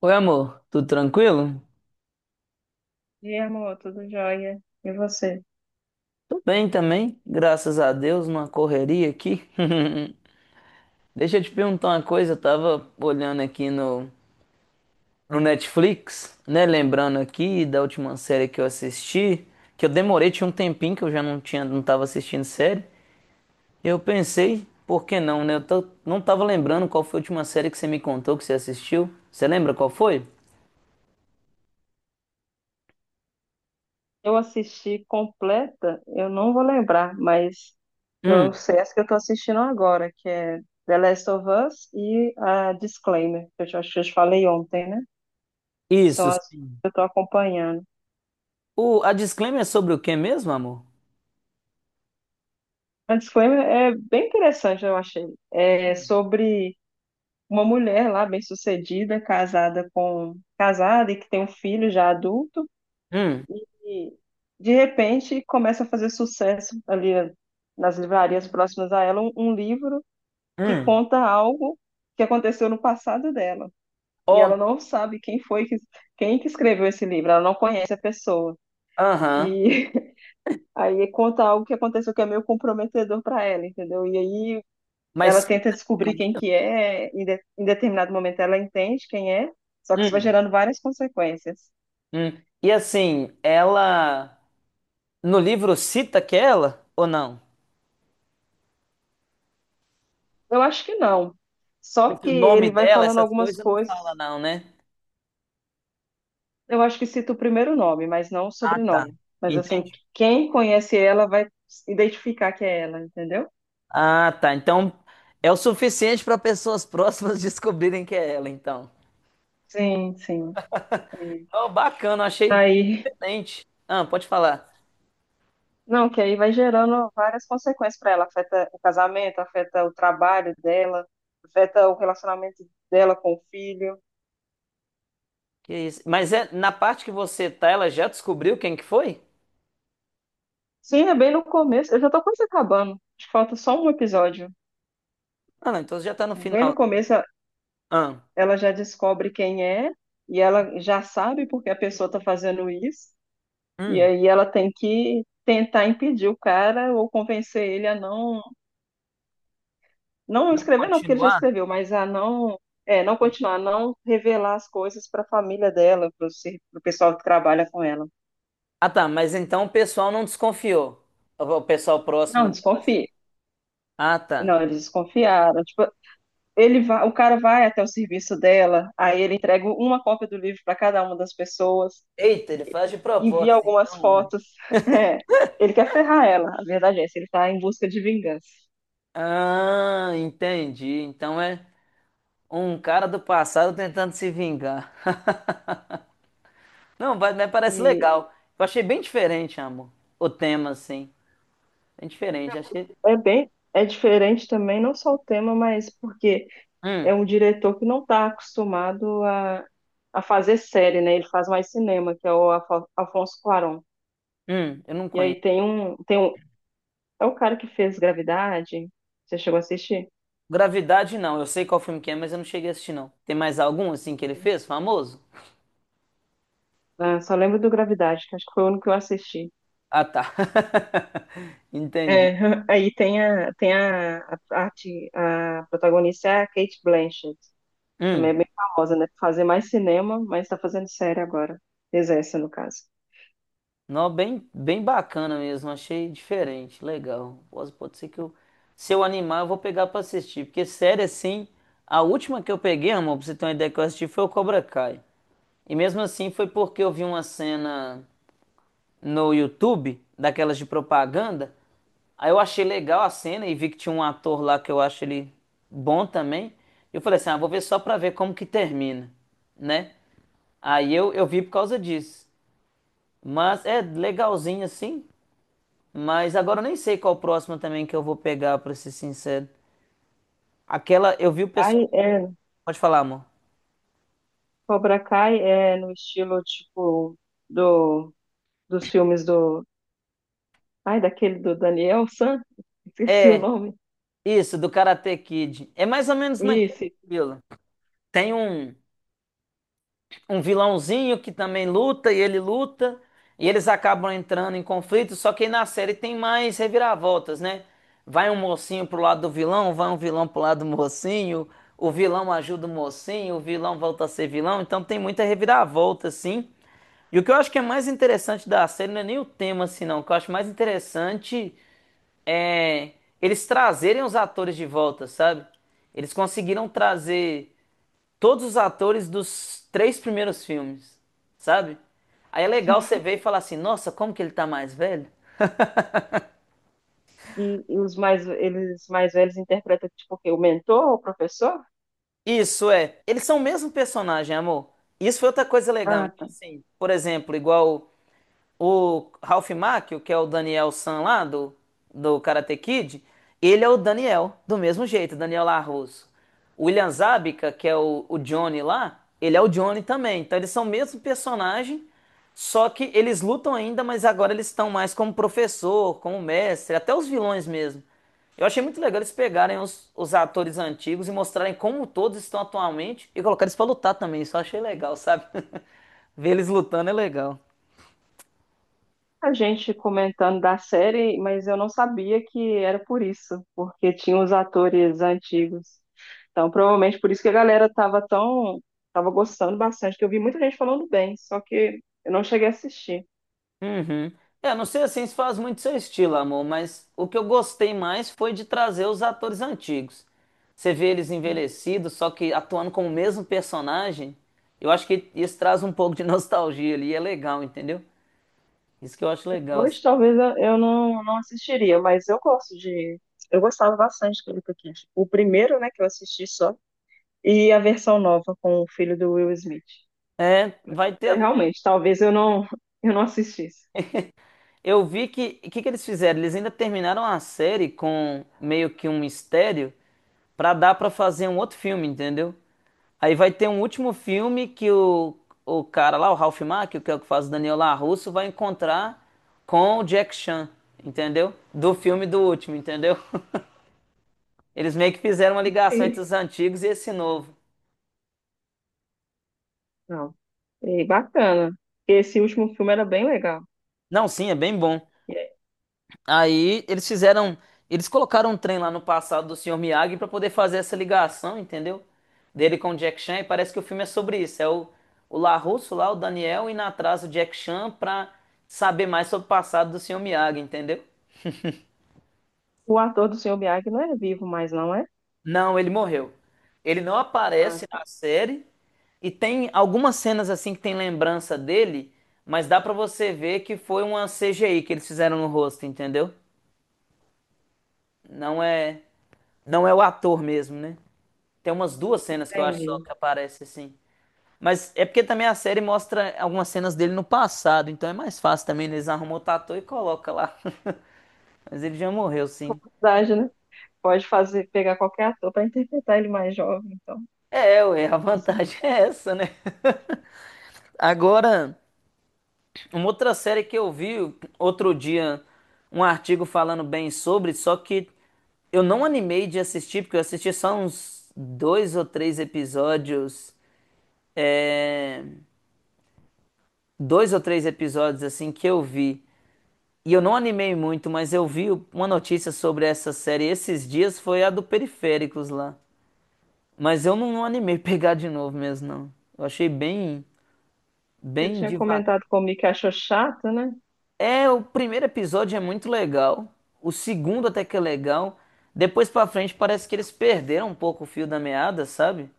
Oi, amor, tudo tranquilo? E amor, tudo jóia? E você? Tô bem também, graças a Deus, numa correria aqui. Deixa eu te perguntar uma coisa, eu tava olhando aqui no Netflix, né? Lembrando aqui da última série que eu assisti, que eu demorei, tinha um tempinho que eu já não tinha, não tava assistindo série. E eu pensei, por que não, né? Não tava lembrando qual foi a última série que você me contou que você assistiu. Você lembra qual foi? Eu assisti completa, eu não vou lembrar, mas eu Hum, sei essa que eu tô assistindo agora, que é The Last of Us e a Disclaimer, que acho que eu te falei ontem, né? São isso, as sim. que eu tô acompanhando. O, a disclaimer é sobre o que mesmo, amor? A Disclaimer é bem interessante, eu achei. É sobre uma mulher lá, bem-sucedida, casada e que tem um filho já adulto. Hum, E de repente começa a fazer sucesso ali nas livrarias próximas a ela um livro que hum. conta algo que aconteceu no passado dela. E Ó, ela não sabe quem que escreveu esse livro, ela não conhece a pessoa. E aham. aí conta algo que aconteceu que é meio comprometedor para ela, entendeu? E aí Mas ela tenta cita no descobrir quem livro? que é, em, de- em determinado momento ela entende quem é, só que isso vai Hum, gerando várias consequências. E assim, ela no livro cita que é ela ou não? Eu acho que não. Só Porque que o nome ele vai dela, falando essas algumas coisas não fala coisas. não, né? Eu acho que cito o primeiro nome, mas não o Ah, tá. sobrenome. Mas assim, Entendi. quem conhece ela vai identificar que é ela, entendeu? Ah, tá. Então é o suficiente para pessoas próximas descobrirem que é ela, então. Sim, sim. É. Oh, bacana, achei Aí, diferente. Ah, pode falar. não, que aí vai gerando várias consequências para ela. Afeta o casamento, afeta o trabalho dela, afeta o relacionamento dela com o filho. Que isso? Mas é na parte que você tá, ela já descobriu quem que foi? Sim, é bem no começo. Eu já tô quase acabando. Acho que falta só um episódio. Ah, não, então já tá no Bem no final. começo, Ah, ela já descobre quem é e ela já sabe porque a pessoa tá fazendo isso. E hum. aí ela tem que tentar impedir o cara ou convencer ele a não Não escrever não, porque ele já continuar? escreveu, mas a não é, não continuar, a não revelar as coisas para a família dela, para o pessoal que trabalha com ela. Ah, tá, mas então o pessoal não desconfiou. O pessoal próximo Não, dela, assim. desconfie. Ah, tá. Não, eles desconfiaram. Tipo, o cara vai até o serviço dela, aí ele entrega uma cópia do livro para cada uma das pessoas, Eita, ele faz de envia proposta, algumas então. Ué. fotos. É, ele quer ferrar ela, a verdade é essa, ele está em busca de vingança. Ah, entendi. Então é um cara do passado tentando se vingar. Não, vai- Mas parece E legal. Eu achei bem diferente, amor. O tema, assim. Bem diferente. Achei. é bem, é diferente também, não só o tema, mas porque é Hum, um diretor que não está acostumado a fazer série, né? Ele faz mais cinema, que é o Afonso Cuarón. Eu não E conheço. aí tem um, é o cara que fez Gravidade. Você chegou a assistir? Gravidade, não. Eu sei qual filme que é, mas eu não cheguei a assistir, não. Tem mais algum, assim, que ele fez, famoso? Ah, só lembro do Gravidade, que acho que foi o único que eu assisti. Ah, tá. É, Entendi. aí tem a, tem a, parte- a protagonista é a Kate Blanchett, também Hum. é bem famosa, né? Fazer mais cinema, mas está fazendo série agora. Exerce, no caso. Não, bem, bem bacana mesmo, achei diferente, legal. Pode ser se eu animar, eu vou pegar pra assistir, porque série assim, a última que eu peguei, amor, pra você ter uma ideia que eu assisti, foi o Cobra Kai. E mesmo assim foi porque eu vi uma cena no YouTube, daquelas de propaganda, aí eu achei legal a cena e vi que tinha um ator lá que eu acho ele bom também. Eu falei assim, ah, vou ver só pra ver como que termina, né? Aí eu vi por causa disso. Mas é legalzinho assim. Mas agora eu nem sei qual próximo também que eu vou pegar, pra ser sincero. Aquela, eu vi o pessoal. Ai, Pode falar, amor. Cobra Kai é no estilo, tipo, do, dos filmes do... Ai, daquele do Daniel San? Esqueci o É, nome. isso, do Karate Kid. É mais ou menos naquele Isso. estilo. Tem um, um vilãozinho que também luta e ele luta, e eles acabam entrando em conflito, só que aí na série tem mais reviravoltas, né? Vai um mocinho pro lado do vilão, vai um vilão pro lado do mocinho, o vilão ajuda o mocinho, o vilão volta a ser vilão, então tem muita reviravolta, assim. E o que eu acho que é mais interessante da série não é nem o tema, assim, não. O que eu acho mais interessante é eles trazerem os atores de volta, sabe? Eles conseguiram trazer todos os atores dos três primeiros filmes, sabe? Aí é legal você ver e falar assim, nossa, como que ele tá mais velho? Eles mais velhos interpretam, tipo, o quê? O mentor, o professor? Isso é, eles são o mesmo personagem, amor. Isso foi outra coisa legal. Ah, Então, tá. assim, por exemplo, igual o Ralph Macchio, que é o Daniel San lá do Karate Kid, ele é o Daniel, do mesmo jeito, Daniel Larusso. O William Zabka, que é o Johnny lá, ele é o Johnny também. Então eles são o mesmo personagem, só que eles lutam ainda, mas agora eles estão mais como professor, como mestre, até os vilões mesmo. Eu achei muito legal eles pegarem os atores antigos e mostrarem como todos estão atualmente e colocar eles pra lutar também. Isso eu achei legal, sabe? Ver eles lutando é legal. A gente comentando da série, mas eu não sabia que era por isso, porque tinha os atores antigos. Então, provavelmente por isso que a galera tava tão, tava gostando bastante, que eu vi muita gente falando bem, só que eu não cheguei a assistir. Uhum. É, não sei assim se faz muito seu estilo, amor, mas o que eu gostei mais foi de trazer os atores antigos. Você vê eles envelhecidos, só que atuando como o mesmo personagem, eu acho que isso traz um pouco de nostalgia ali, é legal, entendeu? Isso que eu acho legal. Assim. Hoje talvez eu não assistiria, mas eu gosto de. Eu gostava bastante do Wicked. O primeiro, né, que eu assisti só, e a versão nova com o filho do Will Smith. É, vai ter. É, realmente, talvez eu não assistisse. Eu vi que o que que eles fizeram? Eles ainda terminaram a série com meio que um mistério pra dar pra fazer um outro filme, entendeu? Aí vai ter um último filme que o cara lá, o Ralph Macchio, que é o que faz o Daniel LaRusso, vai encontrar com o Jack Chan, entendeu? Do filme do último, entendeu? Eles meio que fizeram uma ligação Sim, entre os antigos e esse novo. não. E bacana. Esse último filme era bem legal. Não, sim, é bem bom. E aí, Aí eles fizeram, eles colocaram um trem lá no passado do Sr. Miyagi pra poder fazer essa ligação, entendeu? Dele com o Jack Chan, e parece que o filme é sobre isso. É o LaRusso lá, o Daniel, indo atrás do Jack Chan pra saber mais sobre o passado do Sr. Miyagi, entendeu? o ator do Sr. Miyagi não é vivo mais, não é? Não, ele morreu. Ele não Ah, aparece na tá. série e tem algumas cenas assim que tem lembrança dele, mas dá pra você ver que foi uma CGI que eles fizeram no rosto, entendeu? Não é, não é o ator mesmo, né? Tem umas duas cenas que eu acho só Entendi. que aparece assim. Mas é porque também a série mostra algumas cenas dele no passado, então é mais fácil também eles arrumam o tatu e coloca lá. Mas ele já morreu, sim. Verdade, né? Pode fazer, pegar qualquer ator para interpretar ele mais jovem, então. É, ué, a Assim, vantagem é essa, né? Agora, uma outra série que eu vi outro dia, um artigo falando bem sobre, só que eu não animei de assistir, porque eu assisti só uns dois ou três episódios, dois ou três episódios assim que eu vi. E eu não animei muito, mas eu vi uma notícia sobre essa série esses dias, foi a do Periféricos lá. Mas eu não, não animei pegar de novo mesmo, não. Você Bem tinha devagar. comentado comigo que achou chato, né? É, o primeiro episódio é muito legal. O segundo até que é legal. Depois pra frente parece que eles perderam um pouco o fio da meada, sabe?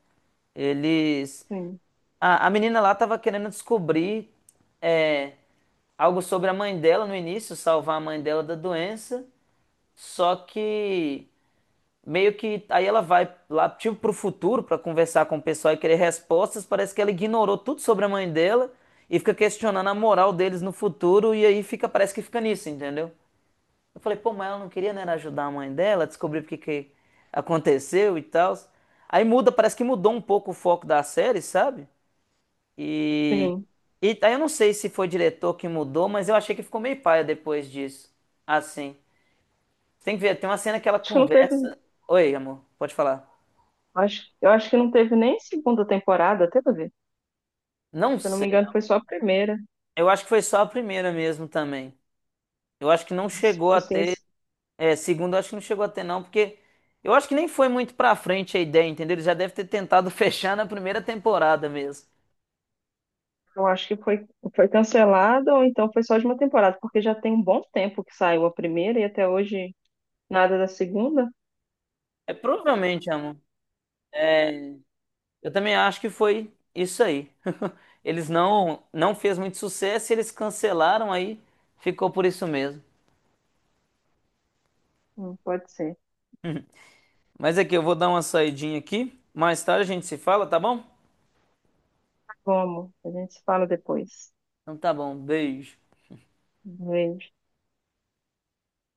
Eles. Sim. A menina lá tava querendo descobrir é, algo sobre a mãe dela no início, salvar a mãe dela da doença. Só que meio que aí ela vai lá tipo pro futuro pra conversar com o pessoal e querer respostas. Parece que ela ignorou tudo sobre a mãe dela e fica questionando a moral deles no futuro e aí fica parece que fica nisso, entendeu? Eu falei, pô, mas ela não queria, né, era ajudar a mãe dela, descobrir porque que aconteceu e tal. Aí muda, parece que mudou um pouco o foco da série, sabe? E, Sim. e aí eu não sei se foi o diretor que mudou, mas eu achei que ficou meio paia depois disso. Assim. Tem que ver, tem uma cena que ela Acho que não teve. conversa. Oi, amor, pode falar. Acho, eu acho que não teve nem segunda temporada, até pra ver. Não Se eu não me sei. engano, foi só a primeira. Eu acho que foi só a primeira mesmo também. Eu acho que não Se chegou a fosse ter. isso, É, segundo, acho que não chegou a ter, não, porque eu acho que nem foi muito pra frente a ideia, entendeu? Ele já deve ter tentado fechar na primeira temporada mesmo. eu acho que foi cancelada ou então foi só de uma temporada, porque já tem um bom tempo que saiu a primeira e até hoje nada da segunda. É provavelmente, amor. É, eu também acho que foi isso aí. Eles não fez muito sucesso, e eles cancelaram aí, ficou por isso mesmo. Não pode ser. Mas aqui eu vou dar uma saidinha aqui. Mais tarde a gente se fala, tá bom? Como? A gente se fala depois. Então tá bom, beijo. Um beijo.